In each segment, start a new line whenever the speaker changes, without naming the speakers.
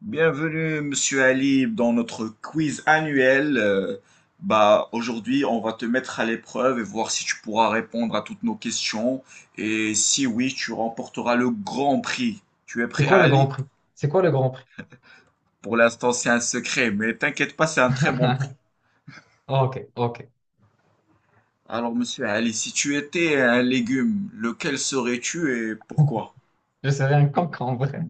Bienvenue, Monsieur Ali, dans notre quiz annuel. Aujourd'hui, on va te mettre à l'épreuve et voir si tu pourras répondre à toutes nos questions. Et si oui, tu remporteras le grand prix. Tu es
C'est
prêt,
quoi le Grand
Ali?
Prix? C'est quoi le Grand Prix?
Pour l'instant, c'est un secret, mais t'inquiète pas, c'est un très bon prix.
Ok, ok.
Alors, Monsieur Ali, si tu étais un légume, lequel serais-tu et pourquoi?
Je serais un cancre en vrai.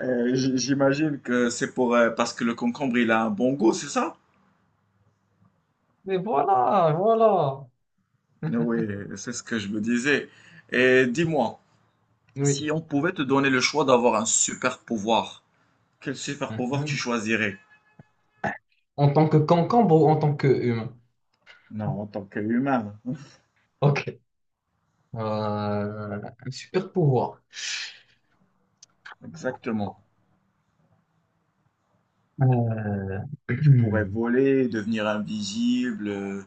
J'imagine que c'est pour, parce que le concombre, il a un bon goût, c'est ça?
Mais voilà, voilà.
Oui, c'est ce que je me disais. Et dis-moi.
Oui.
Si on pouvait te donner le choix d'avoir un super pouvoir, quel super pouvoir tu
Mhm.
choisirais?
En tant que concombre ou en tant que humain?
Non, en tant qu'humain.
Ok. Euh, un super pouvoir.
Exactement.
Euh,
Tu pourrais voler, devenir invisible,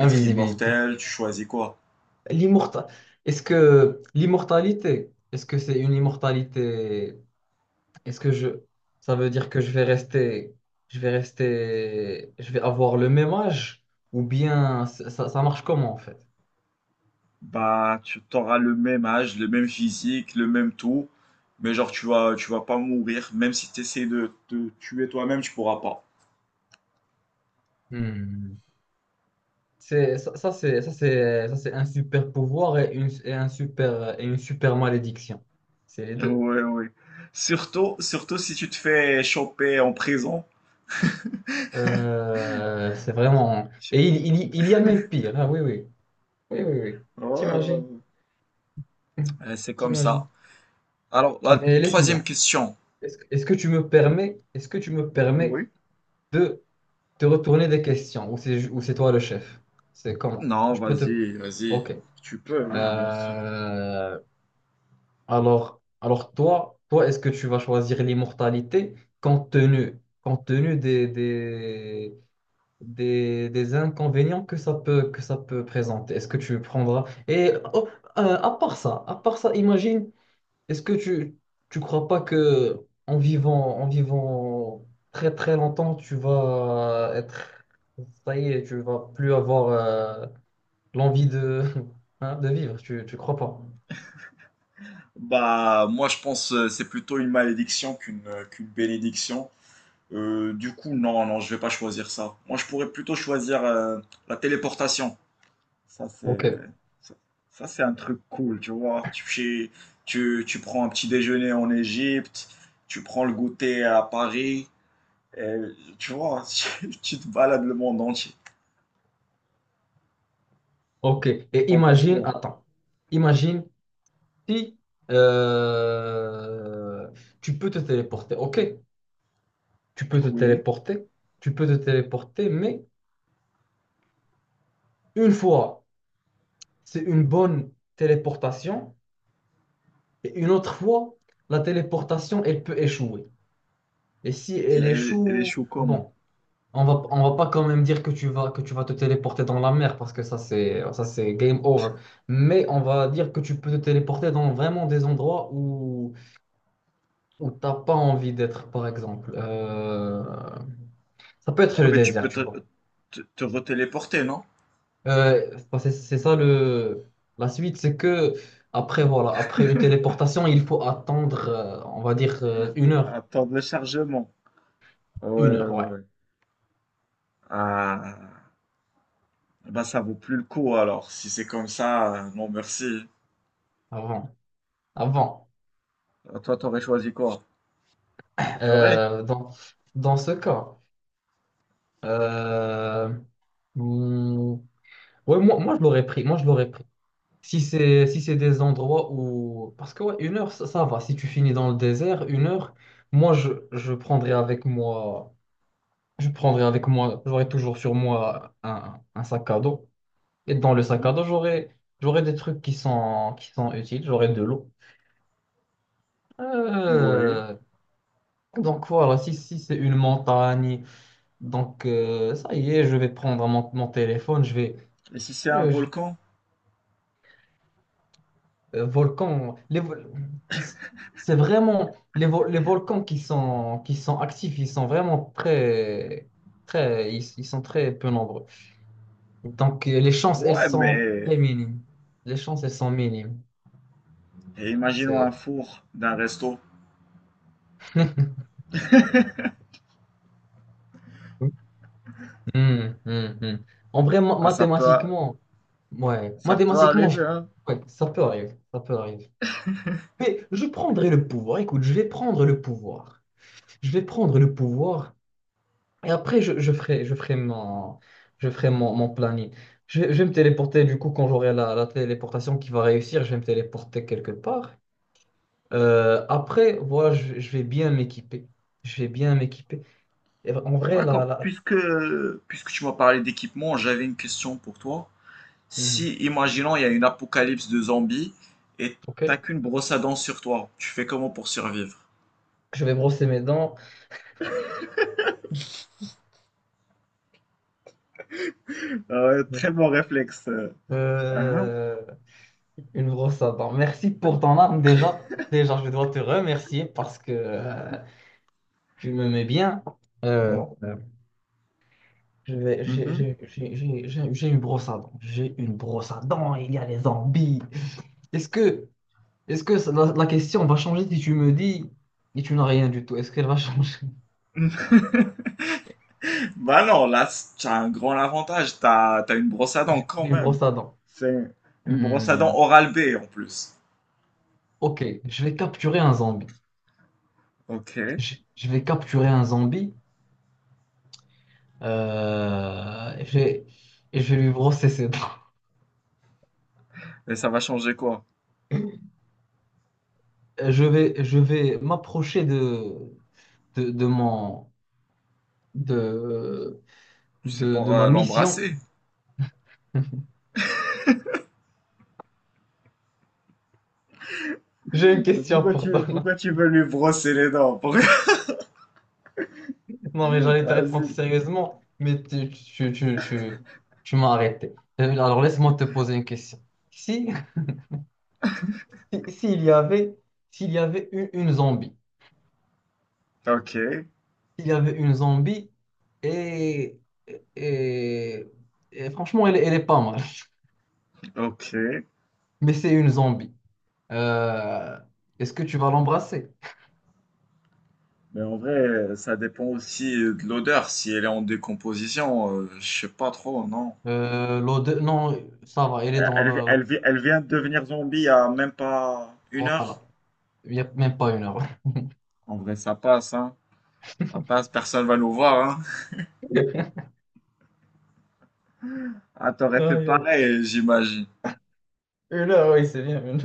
être
Invisibilité.
immortel, tu choisis quoi?
L'immortalité. Est-ce que l'immortalité, est-ce que c'est une immortalité? Est-ce que je... Ça veut dire que je vais rester... Je vais rester... Je vais avoir le même âge, ou bien ça marche comment en fait?
Bah, tu auras le même âge, le même physique, le même tout, mais genre tu vas pas mourir, même si tu essaies de te tuer toi-même, tu pourras pas.
Hmm. C'est, ça, c'est, ça, c'est, ça, c'est un super pouvoir et une super malédiction. C'est les deux.
Ouais, ouais. Surtout, surtout si tu te fais choper en prison.
C'est vraiment... Et il y a même pire. Ah, oui, oui. Oui, oui, oui.
Ouais, ouais,
T'imagines.
ouais. C'est comme
T'imagines.
ça. Alors, la
Mais
troisième
laisse-moi.
question.
Est-ce que tu me
Oui.
permets de te retourner des questions, ou c'est toi le chef? C'est comment?
Non,
Je peux te...
vas-y, vas-y.
Ok.
Tu peux, oui, bien sûr.
Euh, alors toi, est-ce que tu vas choisir l'immortalité, compte tenu des inconvénients que ça peut présenter? Est-ce que tu prendras... Et oh, à part ça, imagine, est-ce que tu crois pas que en vivant très très longtemps, tu vas être... ça y est, tu vas plus avoir l'envie de hein, de vivre, tu crois pas?
Bah, moi, je pense c'est plutôt une malédiction qu'une qu'une bénédiction. Du coup, non, non, je vais pas choisir ça. Moi, je pourrais plutôt choisir la téléportation. Ça, c'est
OK.
ça, ça, c'est un truc cool, tu vois. Tu prends un petit déjeuner en Égypte, tu prends le goûter à Paris, et, tu vois, tu te balades le monde entier.
OK. Et
T'en penses
imagine,
quoi?
attends. Imagine si euh, tu peux te téléporter. OK, tu peux te
Oui.
téléporter, tu peux te téléporter, mais une fois, c'est une bonne téléportation. Et une autre fois, la téléportation, elle peut échouer. Et si elle
Elle, elle
échoue,
échoue comment?
bon, on va pas quand même dire que tu vas te téléporter dans la mer, parce que ça, c'est game over. Mais on va dire que tu peux te téléporter dans vraiment des endroits où t'as pas envie d'être, par exemple. Ça peut
Ouais,
être le
mais tu
désert,
peux
tu vois.
te retéléporter, non?
Enfin, c'est ça la suite, c'est que après, voilà, après une téléportation, il faut attendre, on va dire, une heure.
Attendre le chargement. Ouais, ouais,
Une heure, ouais,
ouais. Ah, bah ça vaut plus le coup alors. Si c'est comme ça, non merci.
avant. Avant,
Toi, t'aurais choisi quoi? Je ferais.
euh, dans, dans ce cas, euh, hmm, ouais, moi je l'aurais pris. Moi je l'aurais pris. Si c'est des endroits où... Parce que ouais, une heure, ça va. Si tu finis dans le désert, une heure, je prendrais avec moi. Je prendrais avec moi. J'aurais toujours sur moi un sac à dos. Et dans le sac à
Mhm.
dos, j'aurais des trucs qui sont utiles. J'aurais de l'eau.
Oui.
Euh, donc voilà, si c'est une montagne. Donc, ça y est, je vais prendre mon téléphone, je vais...
Et si c'est un
je- je-
volcan?
volcan, ils- c'est vraiment... Les volcans qui sont actifs, ils sont vraiment très... très... ils sont très peu nombreux. Donc, les chances, elles
Ouais,
sont
mais
très minimes. Les chances, elles sont minimes.
et imaginons un
C'est...
four d'un resto.
Hmm, hmm, hmm. En vrai,
Ah,
mathématiquement, ouais,
ça peut arriver, hein.
ouais, ça peut arriver, ça peut arriver. Mais je prendrai le pouvoir. Écoute, je vais prendre le pouvoir. Je vais prendre le pouvoir, et après je ferai, je ferai mon planning. Je vais me téléporter du coup, quand j'aurai la téléportation qui va réussir, je vais me téléporter quelque part. Après, voilà, je vais bien m'équiper. Je vais bien m'équiper. Et en vrai, là,
D'accord.
là...
Puisque tu m'as parlé d'équipement, j'avais une question pour toi.
Mhm.
Si, imaginons, il y a une apocalypse de zombies et
Ok.
t'as qu'une brosse à dents sur toi, tu fais comment pour survivre?
Je vais brosser mes dents. Euh, euh, une brosse à dents. Merci pour ton arme déjà. Déjà, je dois te remercier, parce que tu me mets bien. Euh, Je vais- j'ai- J'ai une brosse à dents. J'ai une brosse à dents. Il y a les zombies. Est-ce que, est-ce que la question va changer si tu me dis et tu n'as rien du tout? Est-ce qu'elle va changer?
Bah non, là, t'as un grand avantage, t'as une brosse à dents
J'ai
quand
une
même.
brosse à dents.
C'est une brosse à
Hmm.
dents Oral-B en plus.
Ok, je vais capturer un zombie.
Ok. Et
Je vais capturer un zombie. euh, et je vais, et je vais lui brosser ses dents.
ça va changer quoi?
Je vais m'approcher de mon, de,
C'est
de
pour
ma mission.
l'embrasser.
J'ai une
Mais
question
pourquoi
pour toi.
pourquoi tu veux lui brosser les dents? Pourquoi?
Non, mais j'allais te répondre
Vas-y.
sérieusement, mais tu m'as arrêté. Alors, laisse-moi te poser une question. Si, s'il y avait, une zombie,
Ok,
s'il y avait une zombie, et, et, et franchement, elle est pas mal,
ok.
mais c'est une zombie. Euh, est-ce que tu vas l'embrasser?
Mais en vrai, ça dépend aussi de l'odeur. Si elle est en décomposition, je sais pas trop, non.
Non, ça va, elle est dans la...
Elle vient de devenir zombie il y a même pas une heure.
voilà. Il n'y a même pas une heure.
En vrai, ça passe, hein. Ça passe, personne va nous voir, hein. Ah, t'aurais fait
Aïe, aïe.
pareil, j'imagine.
Une heure, oui, c'est bien, une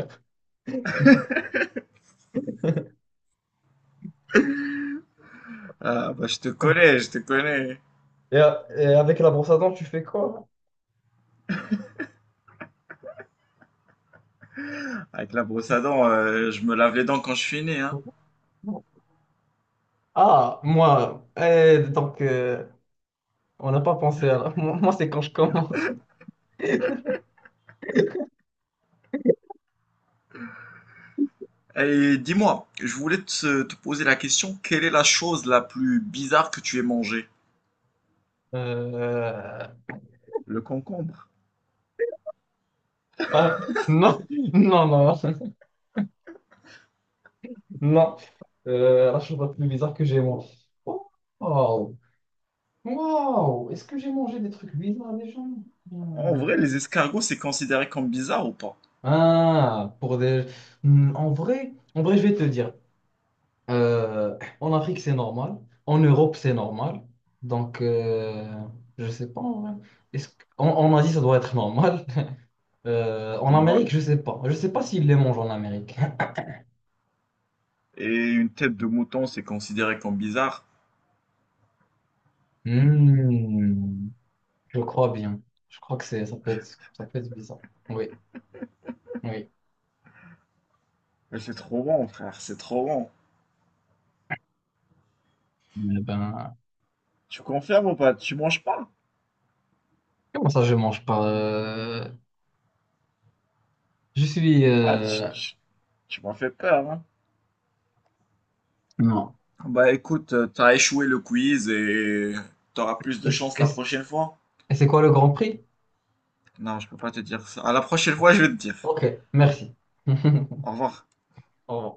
heure.
Ah, bah, je te connais, je te connais.
Et avec la brosse à dents, tu fais quoi?
Avec la brosse à dents, je me lave les dents quand je finis, hein.
Ah, moi, eh, donc, on n'a pas pensé à la... moi, c'est quand je commence.
Et dis-moi, je voulais te poser la question, quelle est la chose la plus bizarre que tu aies mangée?
Euh,
Le concombre.
Ah, non, non, non, non. La chose la plus bizarre que j'ai mangée. Oh, wow, wow, est-ce que j'ai mangé des trucs bizarres déjà?
En
Hmm.
vrai, les escargots, c'est considéré comme bizarre ou pas?
Ah, pour des... Hmm, en vrai, en vrai, je vais te dire. En Afrique, c'est normal. En Europe, c'est normal. Donc, je sais pas, en vrai. Est-ce que... en Asie, ça doit être normal. En
Ouais.
Amérique, je sais pas. Je sais pas s'ils les mangent en Amérique.
Et une tête de mouton, c'est considéré comme bizarre.
Hmm, je crois bien. Je crois que c'est... ça peut être bizarre. Oui, oui.
Mais c'est trop bon, frère, c'est trop bon.
Mais ben,
Tu confirmes ou pas? Tu manges pas?
comment ça, je mange pas? Je suis...
Ah, tu m'as fait peur, hein.
non.
Bah écoute, t'as échoué le quiz et t'auras plus de
Et,
chance la prochaine fois.
c'est quoi le Grand Prix?
Non, je peux pas te dire ça. À la prochaine fois,
Ok.
je vais te dire.
Ok, merci.
Au revoir.
Au revoir.